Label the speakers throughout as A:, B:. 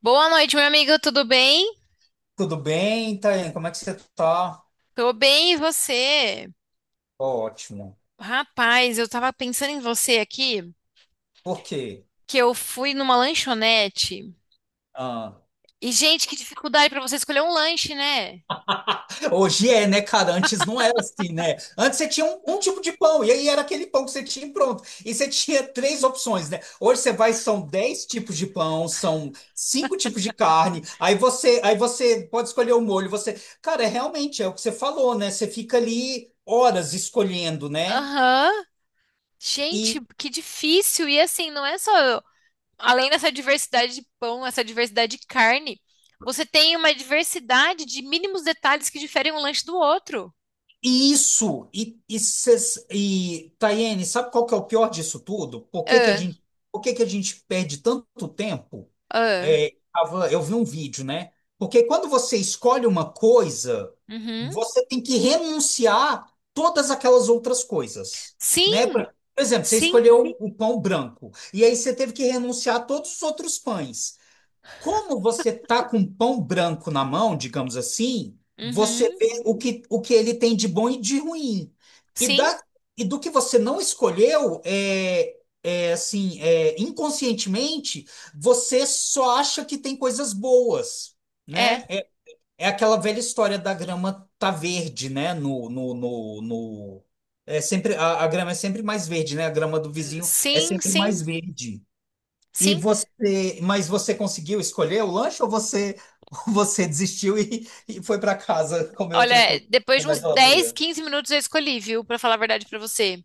A: Boa noite, meu amigo, tudo bem?
B: Tudo bem, Thaís? Como é que você tá?
A: Tô bem, e você?
B: Ótimo.
A: Rapaz, eu tava pensando em você aqui,
B: Por quê?
A: que eu fui numa lanchonete.
B: Ah,
A: E, gente, que dificuldade pra você escolher um lanche, né?
B: hoje é, né, cara? Antes não era assim, né? Antes você tinha um tipo de pão, e aí era aquele pão que você tinha e pronto. E você tinha três opções, né? Hoje você vai, são dez tipos de pão, são cinco tipos de carne, aí você pode escolher o molho. Você, cara, é realmente é o que você falou, né? Você fica ali horas escolhendo, né?
A: Aham. Gente, que difícil. E assim, não é só. Além dessa diversidade de pão, essa diversidade de carne, você tem uma diversidade de mínimos detalhes que diferem um lanche do outro.
B: Isso, e Tayene, sabe qual que é o pior disso tudo? Por que que a
A: Ah,
B: gente, por que que a gente perde tanto tempo?
A: ah.
B: É, eu vi um vídeo, né? Porque quando você escolhe uma coisa,
A: Uhum.
B: você tem que renunciar todas aquelas outras coisas, né?
A: Sim,
B: Por exemplo, você
A: sim.
B: escolheu o pão branco, e aí você teve que renunciar a todos os outros pães. Como você tá com pão branco na mão, digamos assim, você
A: Uhum.
B: vê o que ele tem de bom e de ruim. E,
A: Sim,
B: da, e do que você não escolheu, é assim, inconscientemente, você só acha que tem coisas boas,
A: é.
B: né? É aquela velha história da grama tá verde, né? É sempre, a grama é sempre mais verde, né? A grama do vizinho é
A: Sim,
B: sempre
A: sim.
B: mais verde. E
A: Sim.
B: você, mas você conseguiu escolher o lanche ou você, você desistiu e foi para casa comer
A: Olha,
B: outra coisa
A: depois de
B: na
A: uns 10
B: geladeira?
A: 15 minutos eu escolhi, viu? Pra falar a verdade pra você.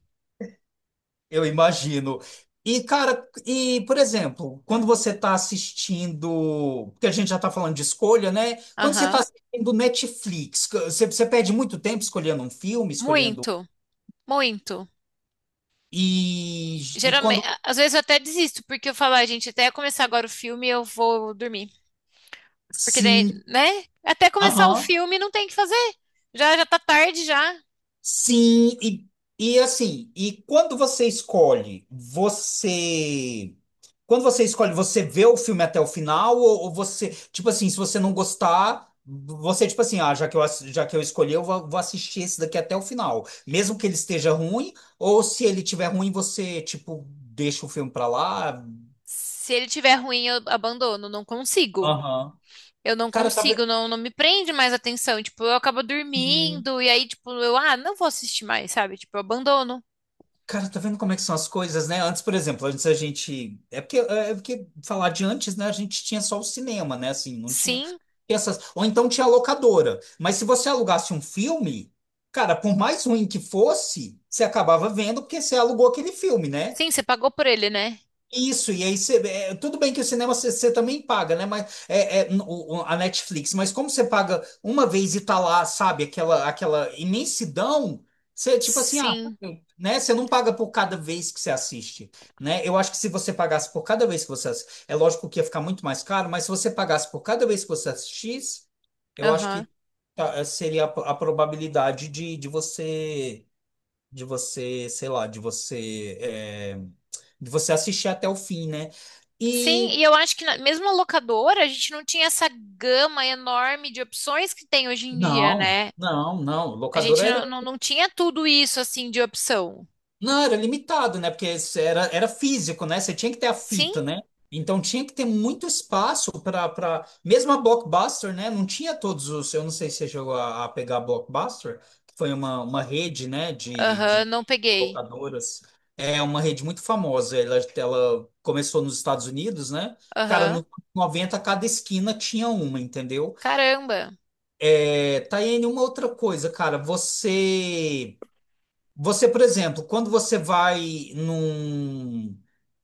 B: Eu imagino. E, cara, por exemplo, quando você está assistindo, porque a gente já está falando de escolha, né? Quando você está
A: Aham.
B: assistindo Netflix, você perde muito tempo escolhendo um filme, escolhendo.
A: Muito, muito.
B: E
A: Geralmente,
B: quando.
A: às vezes eu até desisto, porque eu falo, "Ah, gente, até começar agora o filme eu vou dormir. Porque daí,
B: Sim.
A: né? Até começar o
B: Aham.
A: filme não tem o que fazer. Já já tá tarde já.
B: Sim, e assim, e quando você escolhe, você. Quando você escolhe, você vê o filme até o final, ou você, tipo assim, se você não gostar, você, tipo assim, ah, já que eu escolhi, eu vou assistir esse daqui até o final. Mesmo que ele esteja ruim, ou se ele tiver ruim, você, tipo, deixa o filme pra lá.
A: Se ele tiver ruim, eu abandono, não consigo.
B: Aham.
A: Eu não
B: Cara, tá vendo?
A: consigo, não, não me prende mais atenção. Tipo, eu acabo dormindo e aí, tipo, eu, ah, não vou assistir mais, sabe? Tipo, eu abandono.
B: Cara, tá vendo como é que são as coisas, né? Antes, por exemplo, antes a gente. É porque, é porque falar de antes, né? A gente tinha só o cinema, né? Assim, não tinha
A: Sim,
B: essas. Ou então tinha a locadora. Mas se você alugasse um filme, cara, por mais ruim que fosse, você acabava vendo porque você alugou aquele filme, né?
A: sim, você pagou por ele, né?
B: Isso, e aí você. Tudo bem que o cinema você também paga, né? Mas a Netflix, mas como você paga uma vez e tá lá, sabe, aquela imensidão, você tipo assim, ah,
A: Sim,
B: né? Você não paga por cada vez que você assiste, né? Eu acho que se você pagasse por cada vez que você assiste, é lógico que ia ficar muito mais caro, mas se você pagasse por cada vez que você assistisse, eu acho
A: aham.
B: que tá, seria a, probabilidade de você, sei lá, de você assistir até o fim, né?
A: Sim, e
B: E
A: eu acho que mesmo a locadora, a gente não tinha essa gama enorme de opções que tem hoje em dia,
B: não,
A: né?
B: não, não.
A: A gente
B: Locadora era
A: não, não, não tinha tudo isso assim de opção.
B: Não, era limitado, né? Porque isso era físico, né? Você tinha que ter a
A: Sim?
B: fita, né? Então tinha que ter muito espaço para mesmo a Blockbuster, né? Não tinha todos os. Eu não sei se você chegou a pegar a Blockbuster, que foi uma rede, né? De,
A: Aham,
B: de
A: não peguei.
B: locadoras. É uma rede muito famosa. Ela começou nos Estados Unidos, né? Cara, nos
A: Aham.
B: anos 90, cada esquina tinha uma, entendeu?
A: Caramba.
B: É, Taiane, uma outra coisa, cara. Você. Você, por exemplo, quando você vai num.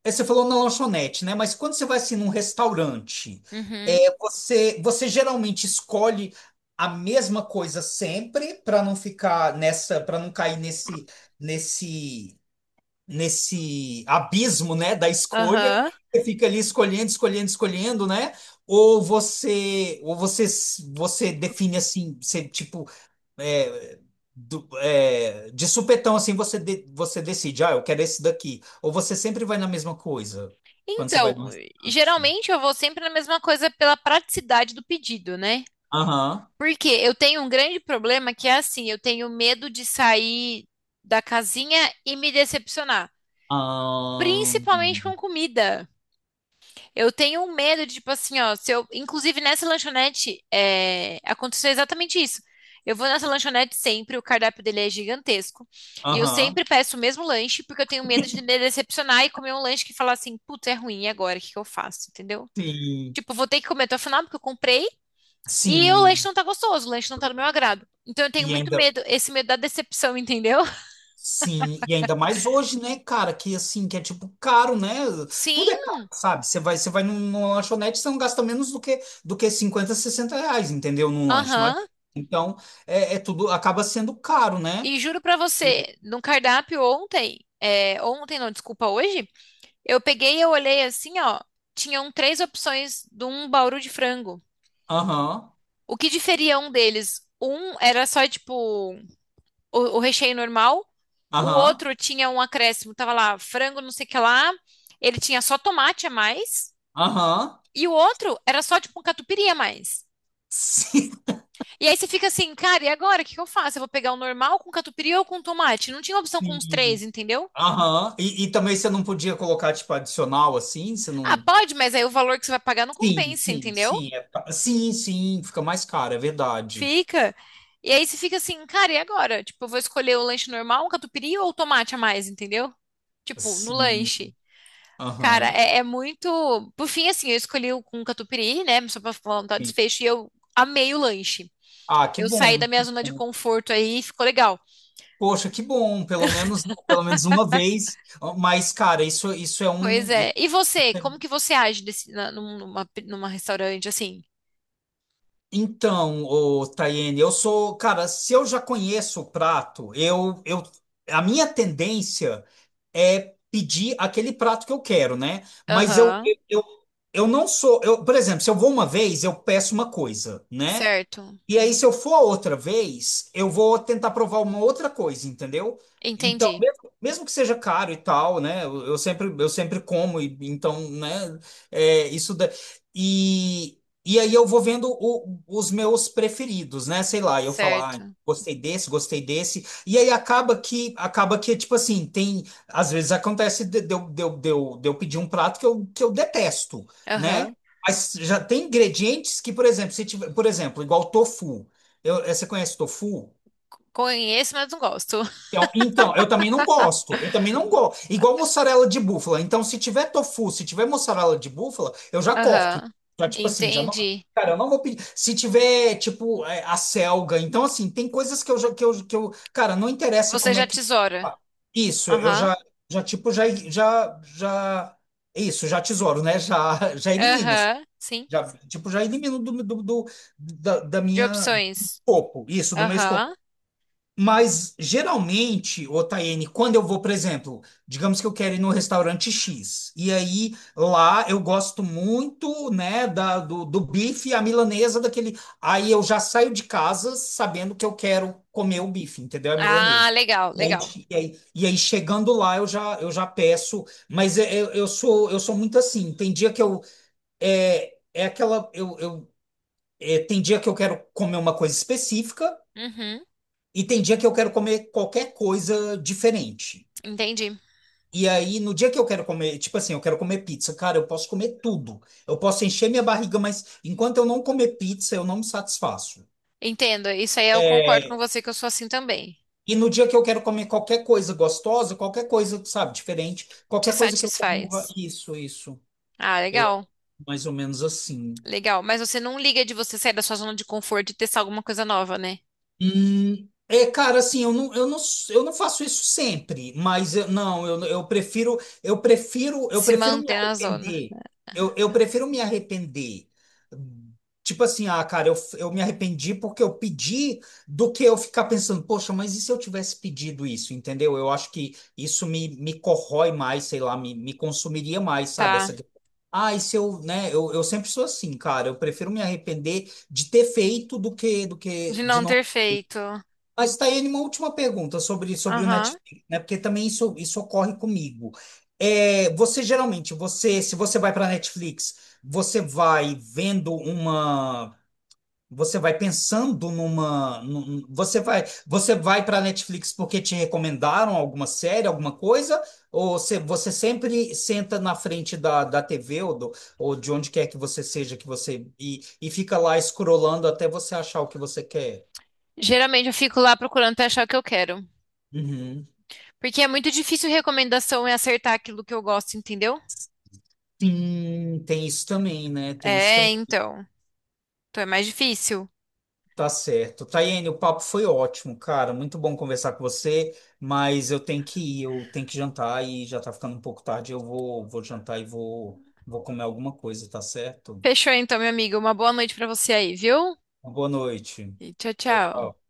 B: Você falou na lanchonete, né? Mas quando você vai assim num restaurante,
A: Uhum.
B: você geralmente escolhe a mesma coisa sempre para não ficar nessa, para não cair nesse, nesse, abismo, né, da escolha.
A: Aham.
B: Você fica ali escolhendo, escolhendo, escolhendo, né? Ou você define assim, você tipo é, de supetão, assim, você, você decide, ah, eu quero esse daqui. Ou você sempre vai na mesma coisa quando você vai no
A: Então,
B: restaurante?
A: geralmente eu vou sempre na mesma coisa pela praticidade do pedido, né?
B: Aham.
A: Porque eu tenho um grande problema que é assim, eu tenho medo de sair da casinha e me decepcionar.
B: Ahn,
A: Principalmente com comida. Eu tenho um medo de, tipo assim, ó, se eu, inclusive nessa lanchonete, é, aconteceu exatamente isso. Eu vou nessa lanchonete sempre, o cardápio dele é gigantesco. E eu
B: aham.
A: sempre peço o mesmo lanche, porque eu tenho medo de me decepcionar e comer um lanche que falar assim, putz, é ruim, e agora? O que que eu faço? Entendeu?
B: Sim.
A: Tipo, vou ter que comer até o final, porque eu comprei, e o lanche
B: Sim.
A: não tá gostoso, o lanche não tá do meu agrado. Então eu tenho
B: E
A: muito
B: ainda.
A: medo, esse medo da decepção, entendeu?
B: Sim, e ainda mais hoje, né, cara, que assim, que é tipo caro, né? Tudo
A: Sim,
B: é caro, sabe? Você vai, numa lanchonete, você não gasta menos do que 50 60 reais, entendeu? Num lanche. Não adianta.
A: aham.
B: Então, é tudo acaba sendo caro, né?
A: E juro pra você, no cardápio ontem, é, ontem não, desculpa, hoje, eu peguei e eu olhei assim, ó, tinham três opções de um bauru de frango.
B: Aham,
A: O que diferia um deles? Um era só, tipo, o recheio normal, o
B: aham,
A: outro tinha um acréscimo, tava lá, frango não sei o que lá, ele tinha só tomate a mais,
B: aham.
A: e o outro era só, tipo, um catupiry a mais.
B: Sim.
A: E aí você fica assim, cara, e agora, o que que eu faço? Eu vou pegar o normal com catupiry ou com tomate? Não tinha opção com os três,
B: Sim.
A: entendeu?
B: Aham. E também você não podia colocar, tipo, adicional assim? Você
A: Ah,
B: não.
A: pode, mas aí o valor que você vai pagar não
B: Sim,
A: compensa,
B: sim,
A: entendeu?
B: sim. Sim, sim, fica mais caro, é verdade.
A: Fica. E aí você fica assim, cara, e agora? Tipo, eu vou escolher o lanche normal, um catupiry ou tomate a mais, entendeu? Tipo, no
B: Sim,
A: lanche. Cara,
B: aham.
A: é muito. Por fim, assim, eu escolhi o com catupiry, né? Só pra falar um tal
B: Sim.
A: desfecho, e eu amei o lanche.
B: Ah, que
A: Eu saí
B: bom,
A: da minha
B: que
A: zona de
B: bom.
A: conforto aí, ficou legal.
B: Poxa, que bom, pelo menos uma vez. Mas, cara, isso é
A: Pois
B: um.
A: é. E você, como que você age desse, na- num- numa, numa restaurante assim?
B: Então, ô, Tayene, eu sou, cara, se eu já conheço o prato, a minha tendência é pedir aquele prato que eu quero, né? Mas eu,
A: Aham,
B: eu, eu eu não sou, eu, por exemplo, se eu vou uma vez, eu peço uma coisa, né?
A: certo.
B: E aí, se eu for outra vez, eu vou tentar provar uma outra coisa, entendeu? Então,
A: Entendi.
B: mesmo, mesmo que seja caro e tal, né? Eu sempre como, e, então, né? É, isso da... E, e aí eu vou vendo os meus preferidos, né? Sei lá, eu falar, ah,
A: Certo.
B: gostei desse, gostei desse. E aí acaba que, tipo assim, tem... Às vezes acontece de eu pedir um prato que eu detesto, né?
A: Aham.
B: Mas já tem ingredientes que, por exemplo, se tiver, por exemplo, igual tofu. Você conhece tofu?
A: Conheço, mas não gosto.
B: Então, eu também não gosto. Eu também não gosto. Igual mussarela de búfala. Então, se tiver tofu, se tiver mussarela de búfala, eu já corto.
A: Aham.
B: Já, tipo assim, já não.
A: Entendi.
B: Cara, eu não vou pedir. Se tiver, tipo, a selga. Então, assim, tem coisas que eu já. Que eu, cara, não interessa
A: Você
B: como
A: já
B: é que.
A: tesoura.
B: Ah, isso, eu
A: Aham.
B: já, já tipo, já, já, já. Isso, já tesouro, né? Já, já elimino.
A: Aham. Sim.
B: Já, tipo, já elimino da
A: De
B: minha
A: opções.
B: corpo, isso, do meu escopo.
A: Aham.
B: Mas geralmente, ô Taiane, quando eu vou, por exemplo, digamos que eu quero ir no restaurante X, e aí lá eu gosto muito, né, do bife à milanesa, daquele. Aí eu já saio de casa sabendo que eu quero comer o bife, entendeu? A milanesa.
A: Ah, legal,
B: E aí,
A: legal.
B: e aí, chegando lá eu já peço, mas eu sou muito assim. Tem dia que eu é aquela. Tem dia que eu quero comer uma coisa específica
A: Uhum.
B: e tem dia que eu quero comer qualquer coisa diferente.
A: Entendi.
B: E aí, no dia que eu quero comer, tipo assim, eu quero comer pizza, cara, eu posso comer tudo. Eu posso encher minha barriga, mas enquanto eu não comer pizza, eu não me satisfaço.
A: Entendo. Isso aí eu concordo com
B: É,
A: você que eu sou assim também.
B: e no dia que eu quero comer qualquer coisa gostosa, qualquer coisa, sabe, diferente,
A: Te
B: qualquer coisa que eu coma,
A: satisfaz.
B: isso, isso.
A: Ah,
B: Eu,
A: legal.
B: mais ou menos assim.
A: Legal. Mas você não liga de você sair da sua zona de conforto e testar alguma coisa nova, né?
B: É, cara, assim, eu não faço isso sempre, mas não, eu, eu prefiro, eu prefiro, eu
A: Se
B: prefiro me
A: manter na zona.
B: arrepender. Eu prefiro me arrepender. Hum, Tipo assim, ah, cara, eu me arrependi porque eu pedi do que eu ficar pensando, poxa, mas e se eu tivesse pedido isso, entendeu? Eu acho que isso me corrói mais, sei lá, me consumiria mais, sabe?
A: Tá.
B: Essa... Ah, e se eu, né? Eu sempre sou assim, cara, eu prefiro me arrepender de ter feito do que,
A: De
B: de
A: não
B: não.
A: ter feito.
B: Mas está aí uma última pergunta sobre, o
A: Aham.
B: Netflix, né? Porque também isso ocorre comigo. É, você geralmente, você, se você vai para Netflix, você vai vendo uma, você vai pensando numa, você vai para Netflix porque te recomendaram alguma série, alguma coisa, ou você sempre senta na frente da, TV ou de onde quer que você seja que você e fica lá escrolando até você achar o que você quer?
A: Geralmente eu fico lá procurando até achar o que eu quero.
B: Uhum.
A: Porque é muito difícil recomendação e acertar aquilo que eu gosto, entendeu?
B: Sim, tem isso também, né? Tem isso
A: É,
B: também.
A: então. Então é mais difícil.
B: Tá certo. Tayane, o papo foi ótimo, cara. Muito bom conversar com você, mas eu tenho que ir, eu tenho que jantar e já tá ficando um pouco tarde. Eu vou jantar e vou comer alguma coisa, tá certo?
A: Fechou então, minha amiga. Uma boa noite pra você aí, viu?
B: Boa noite.
A: E tchau,
B: Tchau,
A: tchau.
B: tchau.